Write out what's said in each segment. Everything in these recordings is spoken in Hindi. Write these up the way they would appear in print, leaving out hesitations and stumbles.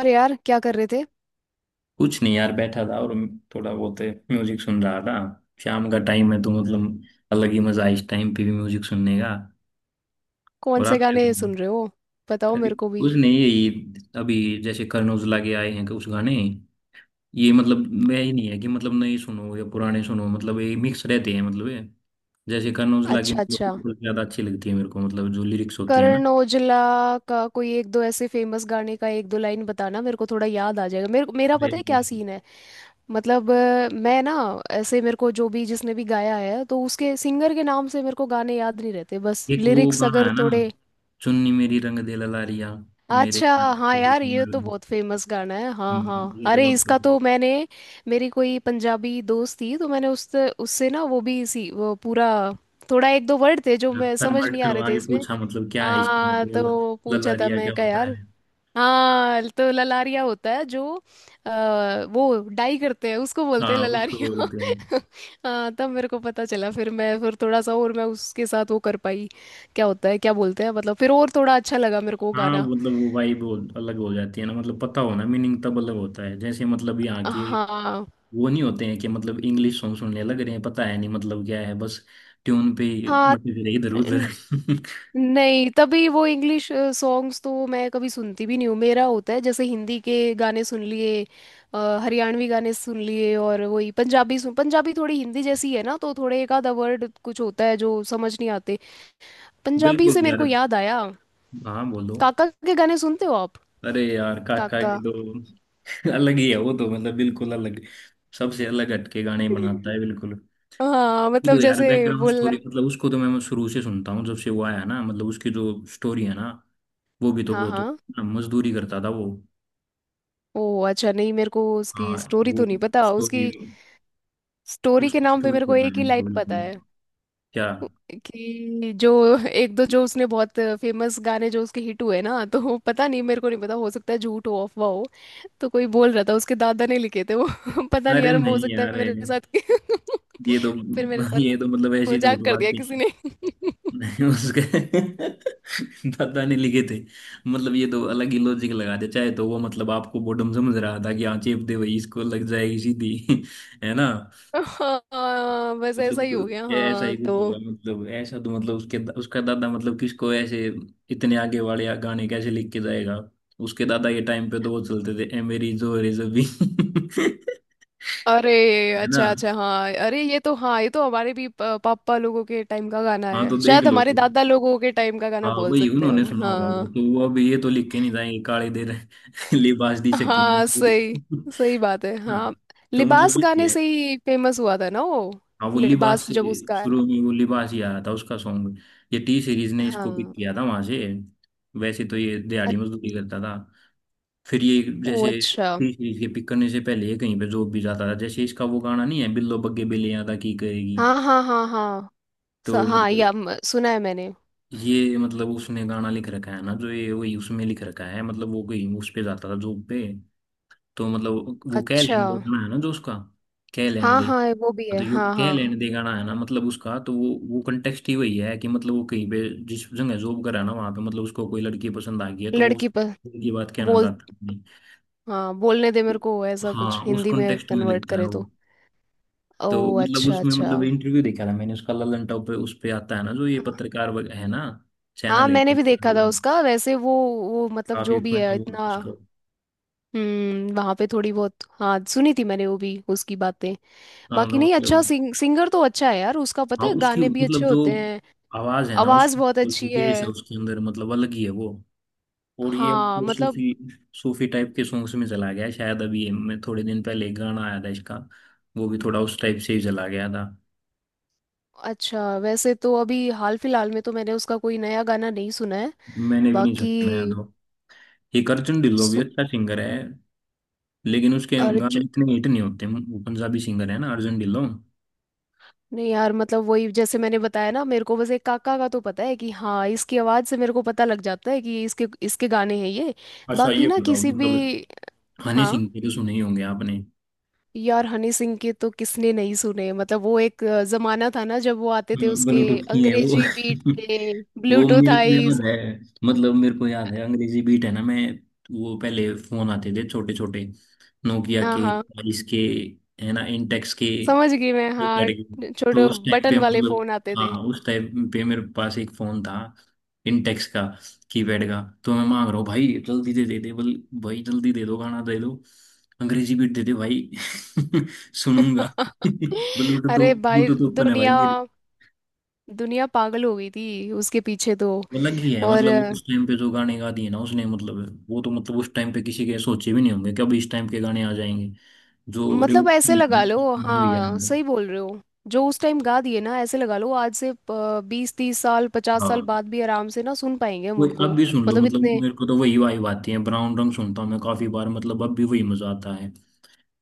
और यार क्या कर रहे थे? कुछ नहीं यार, बैठा था और थोड़ा बहुत म्यूजिक सुन रहा था। शाम का टाइम है तो मतलब अलग ही मजा है इस टाइम पे भी म्यूजिक सुनने का। कौन और आप से क्या कर गाने रहे हो? सुन रहे हो? बताओ अरे मेरे को भी। कुछ नहीं, यही अभी जैसे करण औजला के आए हैं कुछ गाने। ये मतलब मैं ही नहीं है कि मतलब नए सुनो या पुराने सुनो, मतलब ये मिक्स रहते हैं। मतलब ये जैसे करण औजला की अच्छा मतलब अच्छा, कुछ ज्यादा अच्छी लगती है मेरे को, मतलब जो लिरिक्स होती है ना। करण ओजला का कोई एक दो ऐसे फेमस गाने का एक दो लाइन बताना, मेरे को थोड़ा याद आ जाएगा, मेरे मेरा जी, पता है जी। क्या सीन है। मतलब मैं ना ऐसे, मेरे को जो भी जिसने भी गाया है तो उसके सिंगर के नाम से मेरे को गाने याद नहीं रहते, बस एक वो लिरिक्स गाना अगर है ना, थोड़े। चुन्नी मेरी रंग दे ललारिया मेरे। अच्छा। हाँ यार, ये तो बहुत फेमस गाना है, हाँ हाँ, ये तो अरे इसका मतलब। तो मैंने, मेरी कोई पंजाबी दोस्त थी तो मैंने उससे उससे ना, वो भी इसी, वो पूरा, थोड़ा एक दो वर्ड थे जो हाँ, मैं समझ कन्वर्ट नहीं आ रहे करवा थे के इसमें। पूछा मतलब क्या है इसमें हाँ बोल-। तो पूछा था ललारिया मैं, क्या क्या होता है। यार। हाँ तो ललारिया होता है जो वो डाई करते हैं उसको बोलते हैं हाँ, उसको ललारिया। बोलते हैं। हाँ, तब मेरे को पता चला, फिर मैं फिर थोड़ा सा और मैं उसके साथ वो कर पाई, क्या होता है क्या बोलते हैं, मतलब फिर और थोड़ा अच्छा लगा मेरे को वो हाँ गाना। मतलब वो वाइब अलग हो जाती है ना, मतलब पता होना मीनिंग तब अलग होता है जैसे मतलब यहाँ के हाँ वो नहीं होते हैं कि मतलब इंग्लिश सॉन्ग सुनने लग रहे हैं, पता है नहीं मतलब क्या है, बस ट्यून पे ही हाँ। मटे फिरे इधर न- उधर नहीं, तभी वो इंग्लिश सॉन्ग्स तो मैं कभी सुनती भी नहीं हूँ। मेरा होता है जैसे हिंदी के गाने सुन लिए, अ, हरियाणवी गाने सुन लिए, और वही पंजाबी सुन, पंजाबी थोड़ी हिंदी जैसी है ना तो थोड़े एक आधा वर्ड कुछ होता है जो समझ नहीं आते। पंजाबी बिल्कुल से मेरे यार। को याद आया, हाँ बोलो। काका के गाने सुनते हो आप? अरे यार काका काका। की तो अलग ही है वो तो, मतलब बिल्कुल अलग, सबसे अलग हटके गाने बनाता है बिल्कुल। हाँ ये मतलब तो यार जैसे बैकग्राउंड बोलना। स्टोरी, मतलब उसको तो मैं शुरू से सुनता हूँ जब से वो आया ना, मतलब उसकी जो स्टोरी है ना वो भी तो हाँ बहुत। हाँ। मजदूरी करता था वो। ओ अच्छा, नहीं मेरे को उसकी हाँ स्टोरी तो वो नहीं पता। स्टोरी, उसकी स्टोरी के उसकी नाम पे स्टोरी मेरे को बताई एक ही मेरे को लाइन पता बिल्कुल। है, क्या, कि जो एक दो जो उसने बहुत फेमस गाने जो उसके हिट हुए ना, तो पता नहीं, मेरे को नहीं पता, हो सकता है झूठ हो अफवाह हो। तो कोई बोल रहा था उसके दादा ने लिखे थे वो। पता नहीं अरे यार, हो नहीं सकता यार, है मेरे साथ, ये तो, फिर मेरे साथ ये तो मतलब ऐसी झूठ मजाक कर दिया बातें, किसी ने। नहीं उसके दादा ने लिखे थे, मतलब ये तो अलग ही लॉजिक लगा दे चाहे तो। वो मतलब आपको बॉडम समझ रहा था कि हाँ चेप दे भाई, इसको लग जाएगी सीधी है ना। हाँ बस ऐसा मतलब ही हो गया, तो ऐसा ही हाँ कुछ होगा, तो। मतलब ऐसा तो मतलब उसके, उसका दादा मतलब किसको ऐसे इतने आगे वाले गाने कैसे लिख के जाएगा। उसके दादा के टाइम पे तो वो चलते थे ए मेरी जो रे जबी अरे, है ना। अच्छा अच्छा। हाँ अरे, ये तो, हाँ ये तो हमारे भी पापा लोगों के टाइम का गाना हाँ तो है, देख शायद लो। हमारे दादा लोगों के टाइम का गाना हाँ बोल वही सकते हैं उन्होंने हम, सुना होगा वो हाँ। तो। वो अब ये तो लिख के नहीं जाएंगे, काले देर लिबास दी शकीन ने हाँ पूरी। सही, सही बात है हाँ हाँ। तो मतलब लिबास ये गाने है। से ही फेमस हुआ था ना वो, हाँ वो लिबास लिबास से, जब उसका है। शुरू में वो लिबास ही आ रहा था उसका सॉन्ग। ये टी सीरीज ने इसको पिक हाँ। किया था वहां से। वैसे तो ये अ- दिहाड़ी मजदूरी करता था। फिर ये ओ जैसे अच्छा। टी सीरीज के पिक करने से पहले ये कहीं पे जॉब भी जाता था। जैसे इसका वो गाना नहीं है, बिल्लो बग्गे बिल्ली अदा की करेगी। हाँ हाँ हाँ हाँ। तो हाँ, या मतलब सुना है मैंने। ये मतलब उसने गाना लिख रखा है ना जो, ये वही उसमें लिख रखा है मतलब वो कहीं उस पे जाता था जॉब पे। तो मतलब वो कह अच्छा। लेने दे गाना है ना जो उसका, कह लेने हाँ दे। हाँ हाँ, वो भी है, तो जो हाँ क्या लेने हाँ। दे गाना है ना, मतलब उसका तो वो कंटेक्स्ट ही वही है कि मतलब वो कहीं पे जिस जगह जॉब कर रहा है ना वहां पे मतलब उसको कोई लड़की पसंद आ गई है तो वो उस लड़की पर। की बात कहना बोल। चाहता है। नहीं। हाँ बोलने दे, मेरे को ऐसा हाँ कुछ उस हिंदी में कंटेक्स्ट में कन्वर्ट लिखता है करे तो। वो। ओ तो मतलब अच्छा उसमें अच्छा। मतलब इंटरव्यू देखा था मैंने उसका ललन टॉप पे, उस पे आता है ना जो ये हाँ पत्रकार वग- है ना, हाँ चैनल है। मैंने भी देखा था उसका वैसे, वो मतलब काफी जो भी फनी है बोलता इतना। उसको। वहां पे थोड़ी बहुत हाँ सुनी थी मैंने, वो भी उसकी बातें, हाँ बाकी तो नहीं। अच्छा, मतलब सिंगर तो अच्छा है यार उसका, पता हाँ है उसकी गाने भी अच्छे मतलब जो होते हैं। आवाज है ना आवाज उसकी, बहुत अच्छी जो बेस है है। उसके अंदर मतलब अलग ही है वो। और ये अब हाँ तो मतलब। सूफी सूफी टाइप के सॉन्ग्स में चला गया है। शायद अभी मैं थोड़े दिन पहले एक गाना आया था इसका, वो भी थोड़ा उस टाइप से ही चला गया था। अच्छा, वैसे तो अभी हाल फिलहाल में तो मैंने उसका कोई नया गाना नहीं सुना है। मैंने भी नहीं बाकी सुना याद हो। एक अर्जुन ढिल्लो भी सु, अच्छा सिंगर है, लेकिन उसके अर्ज गाने इतने हिट नहीं होते। वो पंजाबी सिंगर है ना, अर्जुन ढिल्लो। नहीं यार, मतलब वही जैसे मैंने बताया ना, मेरे को बस एक काका का तो पता है कि हाँ इसकी आवाज से मेरे को पता लग जाता है कि इसके इसके गाने हैं ये। अच्छा बाकी ये ना बताओ किसी भी। मतलब हनी हाँ सिंह के तो सुने ही होंगे आपने। यार, हनी सिंह के तो किसने नहीं सुने, मतलब वो एक जमाना था ना जब वो आते थे उसके, ब्लूटूथ की है वो अंग्रेजी बीट पे। वो ब्लूटूथ मेरे को याद आईज। है, मतलब मेरे को याद है अंग्रेजी बीट है ना मैं। वो पहले फोन आते थे छोटे छोटे, नोकिया हाँ के, हाँ, इसके, है ना, इंटेक्स के, समझ ये गई मैं, हाँ। करके। तो छोटे उस टाइम बटन पे वाले मतलब। फोन आते थे। हाँ उस टाइम पे मेरे पास एक फोन था, इंटेक्स का, कीपैड का। तो मैं मांग रहा हूँ भाई जल्दी दे दे दे बोल, भाई जल्दी दे दो गाना दे दो, अंग्रेजी बीट दे दे भाई सुनूंगा अरे ब्लूटूथ भाई, ब्लूटूथ ओपन है भाई। दुनिया, दुनिया पागल हो गई थी उसके पीछे तो। अलग ही है, और मतलब उस टाइम पे जो गाने गा दिए ना उसने, मतलब वो तो मतलब उस टाइम पे किसी के सोचे भी नहीं होंगे कि अब इस टाइम के गाने आ जाएंगे। जो मतलब ऐसे लगा लो। रिवॉल्यूशन हुई है। हाँ सही बोल रहे हो, जो उस टाइम गा दिए ना, ऐसे लगा लो आज से 20-30 साल, 50 साल हाँ बाद भी आराम से ना सुन पाएंगे हम वो उनको, अब भी सुन लो, मतलब मतलब इतने। मेरे को तो वही वाइब आती है। ब्राउन रंग सुनता हूँ मैं काफी बार, मतलब अब भी वही मजा आता है।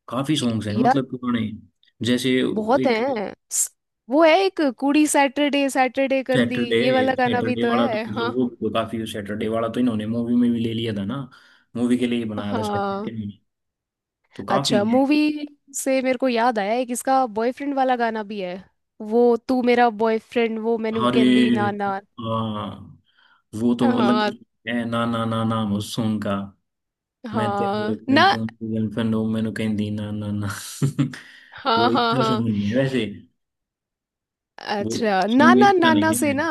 काफी सॉन्ग्स हैं मतलब पुराने, जैसे बहुत एक है। वो है एक कुड़ी सैटरडे सैटरडे कर दी, सैटरडे। ये वाला गाना भी सैटरडे तो वाला तो है। हाँ मतलब, वो काफी, सैटरडे वाला तो इन्होंने मूवी में भी ले लिया था ना, मूवी के लिए ही बनाया था सैटरडे। हाँ। तो काफी अच्छा, है। मूवी से मेरे को याद आया, एक इसका बॉयफ्रेंड वाला गाना भी है, वो तू मेरा बॉयफ्रेंड, वो मैनू अरे कहंदी ना ना। हाँ वो तो अलग हाँ। है ना, ना ना ना वो सॉन्ग का, मैं तेरा हाँ गर्लफ्रेंड ना। तुम गर्लफ्रेंड हो मैंने कहीं दी ना ना ना हाँ वो हाँ इसका हाँ। सॉन्ग नहीं है वैसे, वो अच्छा, ना सॉन्ग ना इसका ना ना नहीं से है। ना,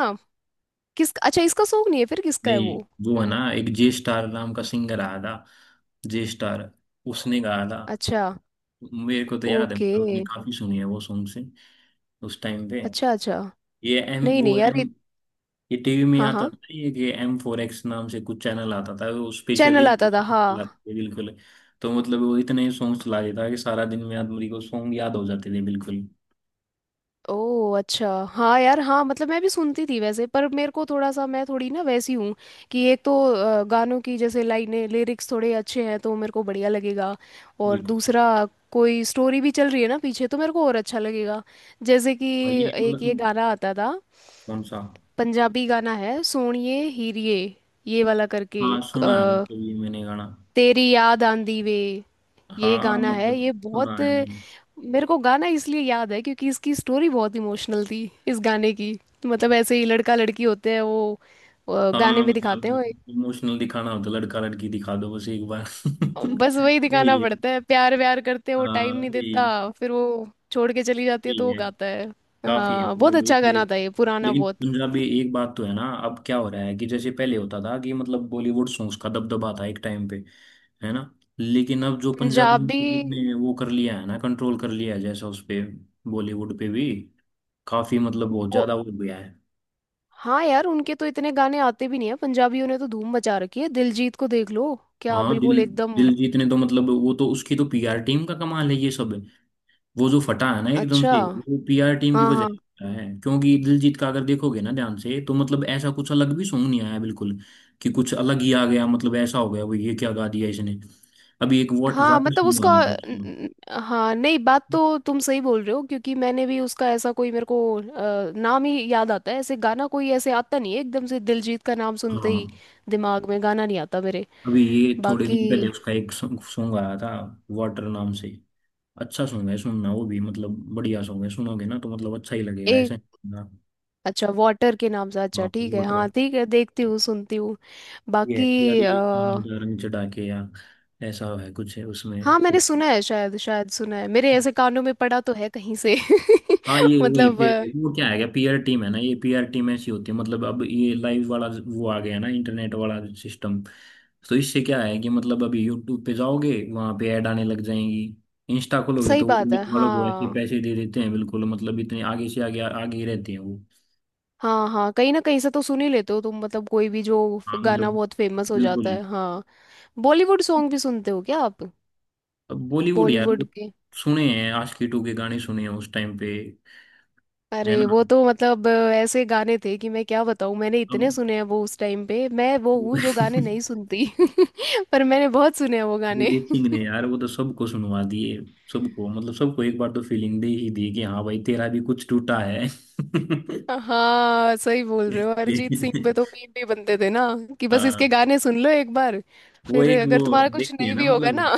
किस अच्छा, इसका सॉन्ग नहीं है फिर, किसका है नहीं, वो? वो है ना एक जे स्टार नाम का सिंगर आया था, जे स्टार, उसने गाया था। अच्छा। मेरे को तो याद है, ओके, मतलब मैंने काफी सुनी है वो सॉन्ग से उस टाइम पे। अच्छा अच्छा। ये एम नहीं वो नहीं यार एम, ये टीवी में हाँ आता हाँ, था ना, ये कि M4X नाम से कुछ चैनल आता था, वो स्पेशली चैनल आता था हाँ। बिल्कुल। तो मतलब वो इतने सॉन्ग चला देता था कि सारा दिन में आदमी को सॉन्ग याद हो जाते थे बिल्कुल। ओह अच्छा, हाँ यार, हाँ मतलब मैं भी सुनती थी वैसे, पर मेरे को थोड़ा सा, मैं थोड़ी ना वैसी हूँ कि एक तो गानों की जैसे लाइनें, लिरिक्स थोड़े अच्छे हैं तो मेरे को बढ़िया लगेगा, और बिल्कुल। दूसरा कोई स्टोरी भी चल रही है ना पीछे तो मेरे को और अच्छा लगेगा। जैसे कि भाई ये एक ये मतलब। गाना आता था, कौन सा। पंजाबी गाना है, सोणिए हीरिए ये वाला करके, हाँ सुना है, मतलब ये मैंने गाना। तेरी याद आंदी वे, ये हाँ गाना है। मतलब ये सुना बहुत, है मैंने। मेरे को गाना इसलिए याद है क्योंकि इसकी स्टोरी बहुत इमोशनल थी इस गाने की। तो मतलब ऐसे ही लड़का लड़की होते हैं वो, गाने हाँ में दिखाते हैं मतलब वो। इमोशनल दिखाना होता, लड़का लड़की दिखा दो बस एक बार बस वही दिखाना यही है। पड़ता है, प्यार व्यार करते हैं, वो टाइम हाँ नहीं यही। देता, फिर वो छोड़ के चली जाती है तो यही वो है। गाता है। काफी है हाँ बहुत मतलब। अच्छा गाना था ये, पुराना लेकिन बहुत। पंजाबी एक बात तो है ना, अब क्या हो रहा है कि जैसे पहले होता था कि मतलब बॉलीवुड सॉन्ग्स का दबदबा था एक टाइम पे, है ना। लेकिन अब जो पंजाबी पंजाबी म्यूजिक ने वो कर लिया है ना कंट्रोल कर लिया है जैसा उस पे, बॉलीवुड पे भी काफी, मतलब बहुत वो, ज्यादा हो गया है। हाँ यार उनके तो इतने गाने आते भी नहीं है, पंजाबियों ने तो धूम मचा रखी है, दिलजीत को देख लो, क्या हाँ बिल्कुल दिल, एकदम। दिलजीत ने तो मतलब वो तो, उसकी तो पीआर टीम का कमाल है ये सब। वो जो फटा है ना एकदम अच्छा। से, वो पीआर टीम की हाँ वजह हाँ से फटा है, क्योंकि दिलजीत का अगर देखोगे ना ध्यान से तो मतलब ऐसा कुछ अलग भी सॉन्ग नहीं आया बिल्कुल कि कुछ अलग ही आ गया, मतलब ऐसा हो गया वो ये क्या गा दिया इसने। अभी एक हाँ वाटर मतलब सॉन्ग उसका आया था न- उसका। हाँ, नहीं बात तो तुम सही बोल रहे हो, क्योंकि मैंने भी उसका ऐसा कोई, मेरे को नाम ही याद आता है ऐसे गाना कोई, ऐसे आता नहीं है एकदम से दिलजीत का नाम सुनते हाँ ही दिमाग में गाना नहीं आता मेरे। अभी ये थोड़े बाकी दिन पहले उसका एक सॉन्ग आया था, वाटर नाम से। अच्छा सॉन्ग है, सुनना वो भी, मतलब बढ़िया सॉन्ग है, सुनोगे ना तो मतलब अच्छा ही लगेगा एक। ऐसा। हाँ। अच्छा, वाटर के नाम से, अच्छा हाँ, ठीक है, वाटर। हाँ ठीक है देखती हूँ सुनती हूँ। ये है कि बाकी अड़ी पानी का रंग चढ़ा के या, ऐसा है कुछ है उसमें। हाँ मैंने सुना है शायद, शायद सुना है मेरे, ऐसे कानों में पड़ा तो है कहीं से। हाँ ये वही मतलब पे। वो क्या है, पीयर टीम है ना, ये पीयर टीम ऐसी होती है मतलब, अब ये लाइव वाला वो आ गया ना, इंटरनेट वाला सिस्टम। तो इससे क्या है कि मतलब अभी यूट्यूब पे जाओगे वहां पे ऐड आने लग जाएंगी, इंस्टा खोलोगे सही तो वो बात है, reel वालों को ऐसे हाँ पैसे दे देते हैं बिल्कुल। मतलब इतने आगे से आगे आगे ही रहते हैं वो। हाँ हाँ कहीं ना कहीं से तो सुन ही लेते हो तुम, मतलब कोई भी जो हाँ गाना मतलब बहुत फेमस हो जाता बिल्कुल। है, हाँ। बॉलीवुड सॉन्ग भी सुनते हो क्या आप? अब बॉलीवुड यार बॉलीवुड वो के, सुने हैं, आशिकी टू के गाने सुने हैं उस टाइम पे, है अरे ना। वो तो मतलब ऐसे गाने थे कि मैं क्या बताऊँ, मैंने अब इतने सुने हैं वो उस टाइम पे, मैं वो हूँ जो गाने नहीं सुनती पर मैंने बहुत सुने हैं वो गाने। अरिजीत सिंह ने यार वो तो सबको सुनवा दिए, सबको, मतलब सबको एक बार तो फीलिंग दे ही दी कि हाँ भाई तेरा भी कुछ टूटा है हाँ सही बोल रहे हो, अरिजीत सिंह पे तो मीम भी बनते थे ना, कि बस हाँ, इसके गाने सुन लो एक बार, वो फिर एक अगर वो तुम्हारा कुछ देखी है नहीं ना भी होगा ना मतलब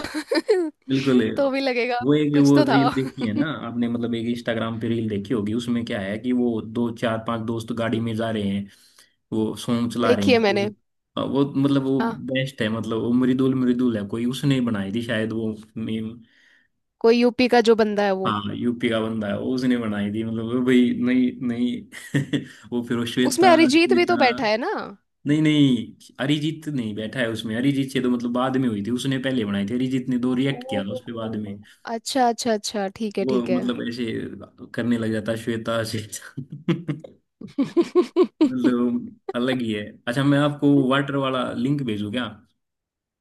बिल्कुल, तो भी लगेगा। वो एक कुछ वो तो था, रील देखी है ना आपने, मतलब एक इंस्टाग्राम पे रील देखी होगी, उसमें क्या है कि वो दो चार पांच दोस्त गाड़ी में जा रहे हैं, वो सॉन्ग चला रहे देखिए हैं कि वो। मैंने। हाँ, वो मतलब वो हाँ। बेस्ट है, मतलब वो मृदुल, मृदुल है कोई, उसने बनाई थी शायद वो मीम। कोई यूपी का जो बंदा है वो, हाँ यूपी का बंदा है वो, उसने बनाई थी, मतलब वो भाई नहीं नहीं वो फिर वो, उसमें श्वेता अरिजीत भी श्वेता। तो बैठा है ना? नहीं नहीं अरिजीत नहीं बैठा है उसमें, अरिजीत से तो मतलब बाद में हुई थी, उसने पहले बनाई थी, अरिजीत ने दो ओ, रिएक्ट किया था उस पे बाद में। अच्छा अच्छा अच्छा, ठीक है वो ठीक है। मतलब ऐसे करने लग जाता है, श्वेता श्वेता मतलब अलग ही है। अच्छा मैं आपको वाटर वाला लिंक भेजू क्या?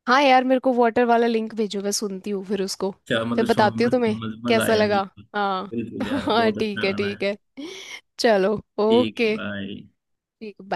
हाँ यार, मेरे को वाटर वाला लिंक भेजो, मैं सुनती हूँ फिर उसको, अच्छा फिर मतलब सुनो बताती हूँ तुम्हें मस्त- मजा कैसा आएगा लगा। बिल्कुल। हाँ। बिल्कुल यार, हाँ बहुत ठीक अच्छा है गाना ठीक है। है, चलो, ठीक है ओके, बाय। ठीक, बाय।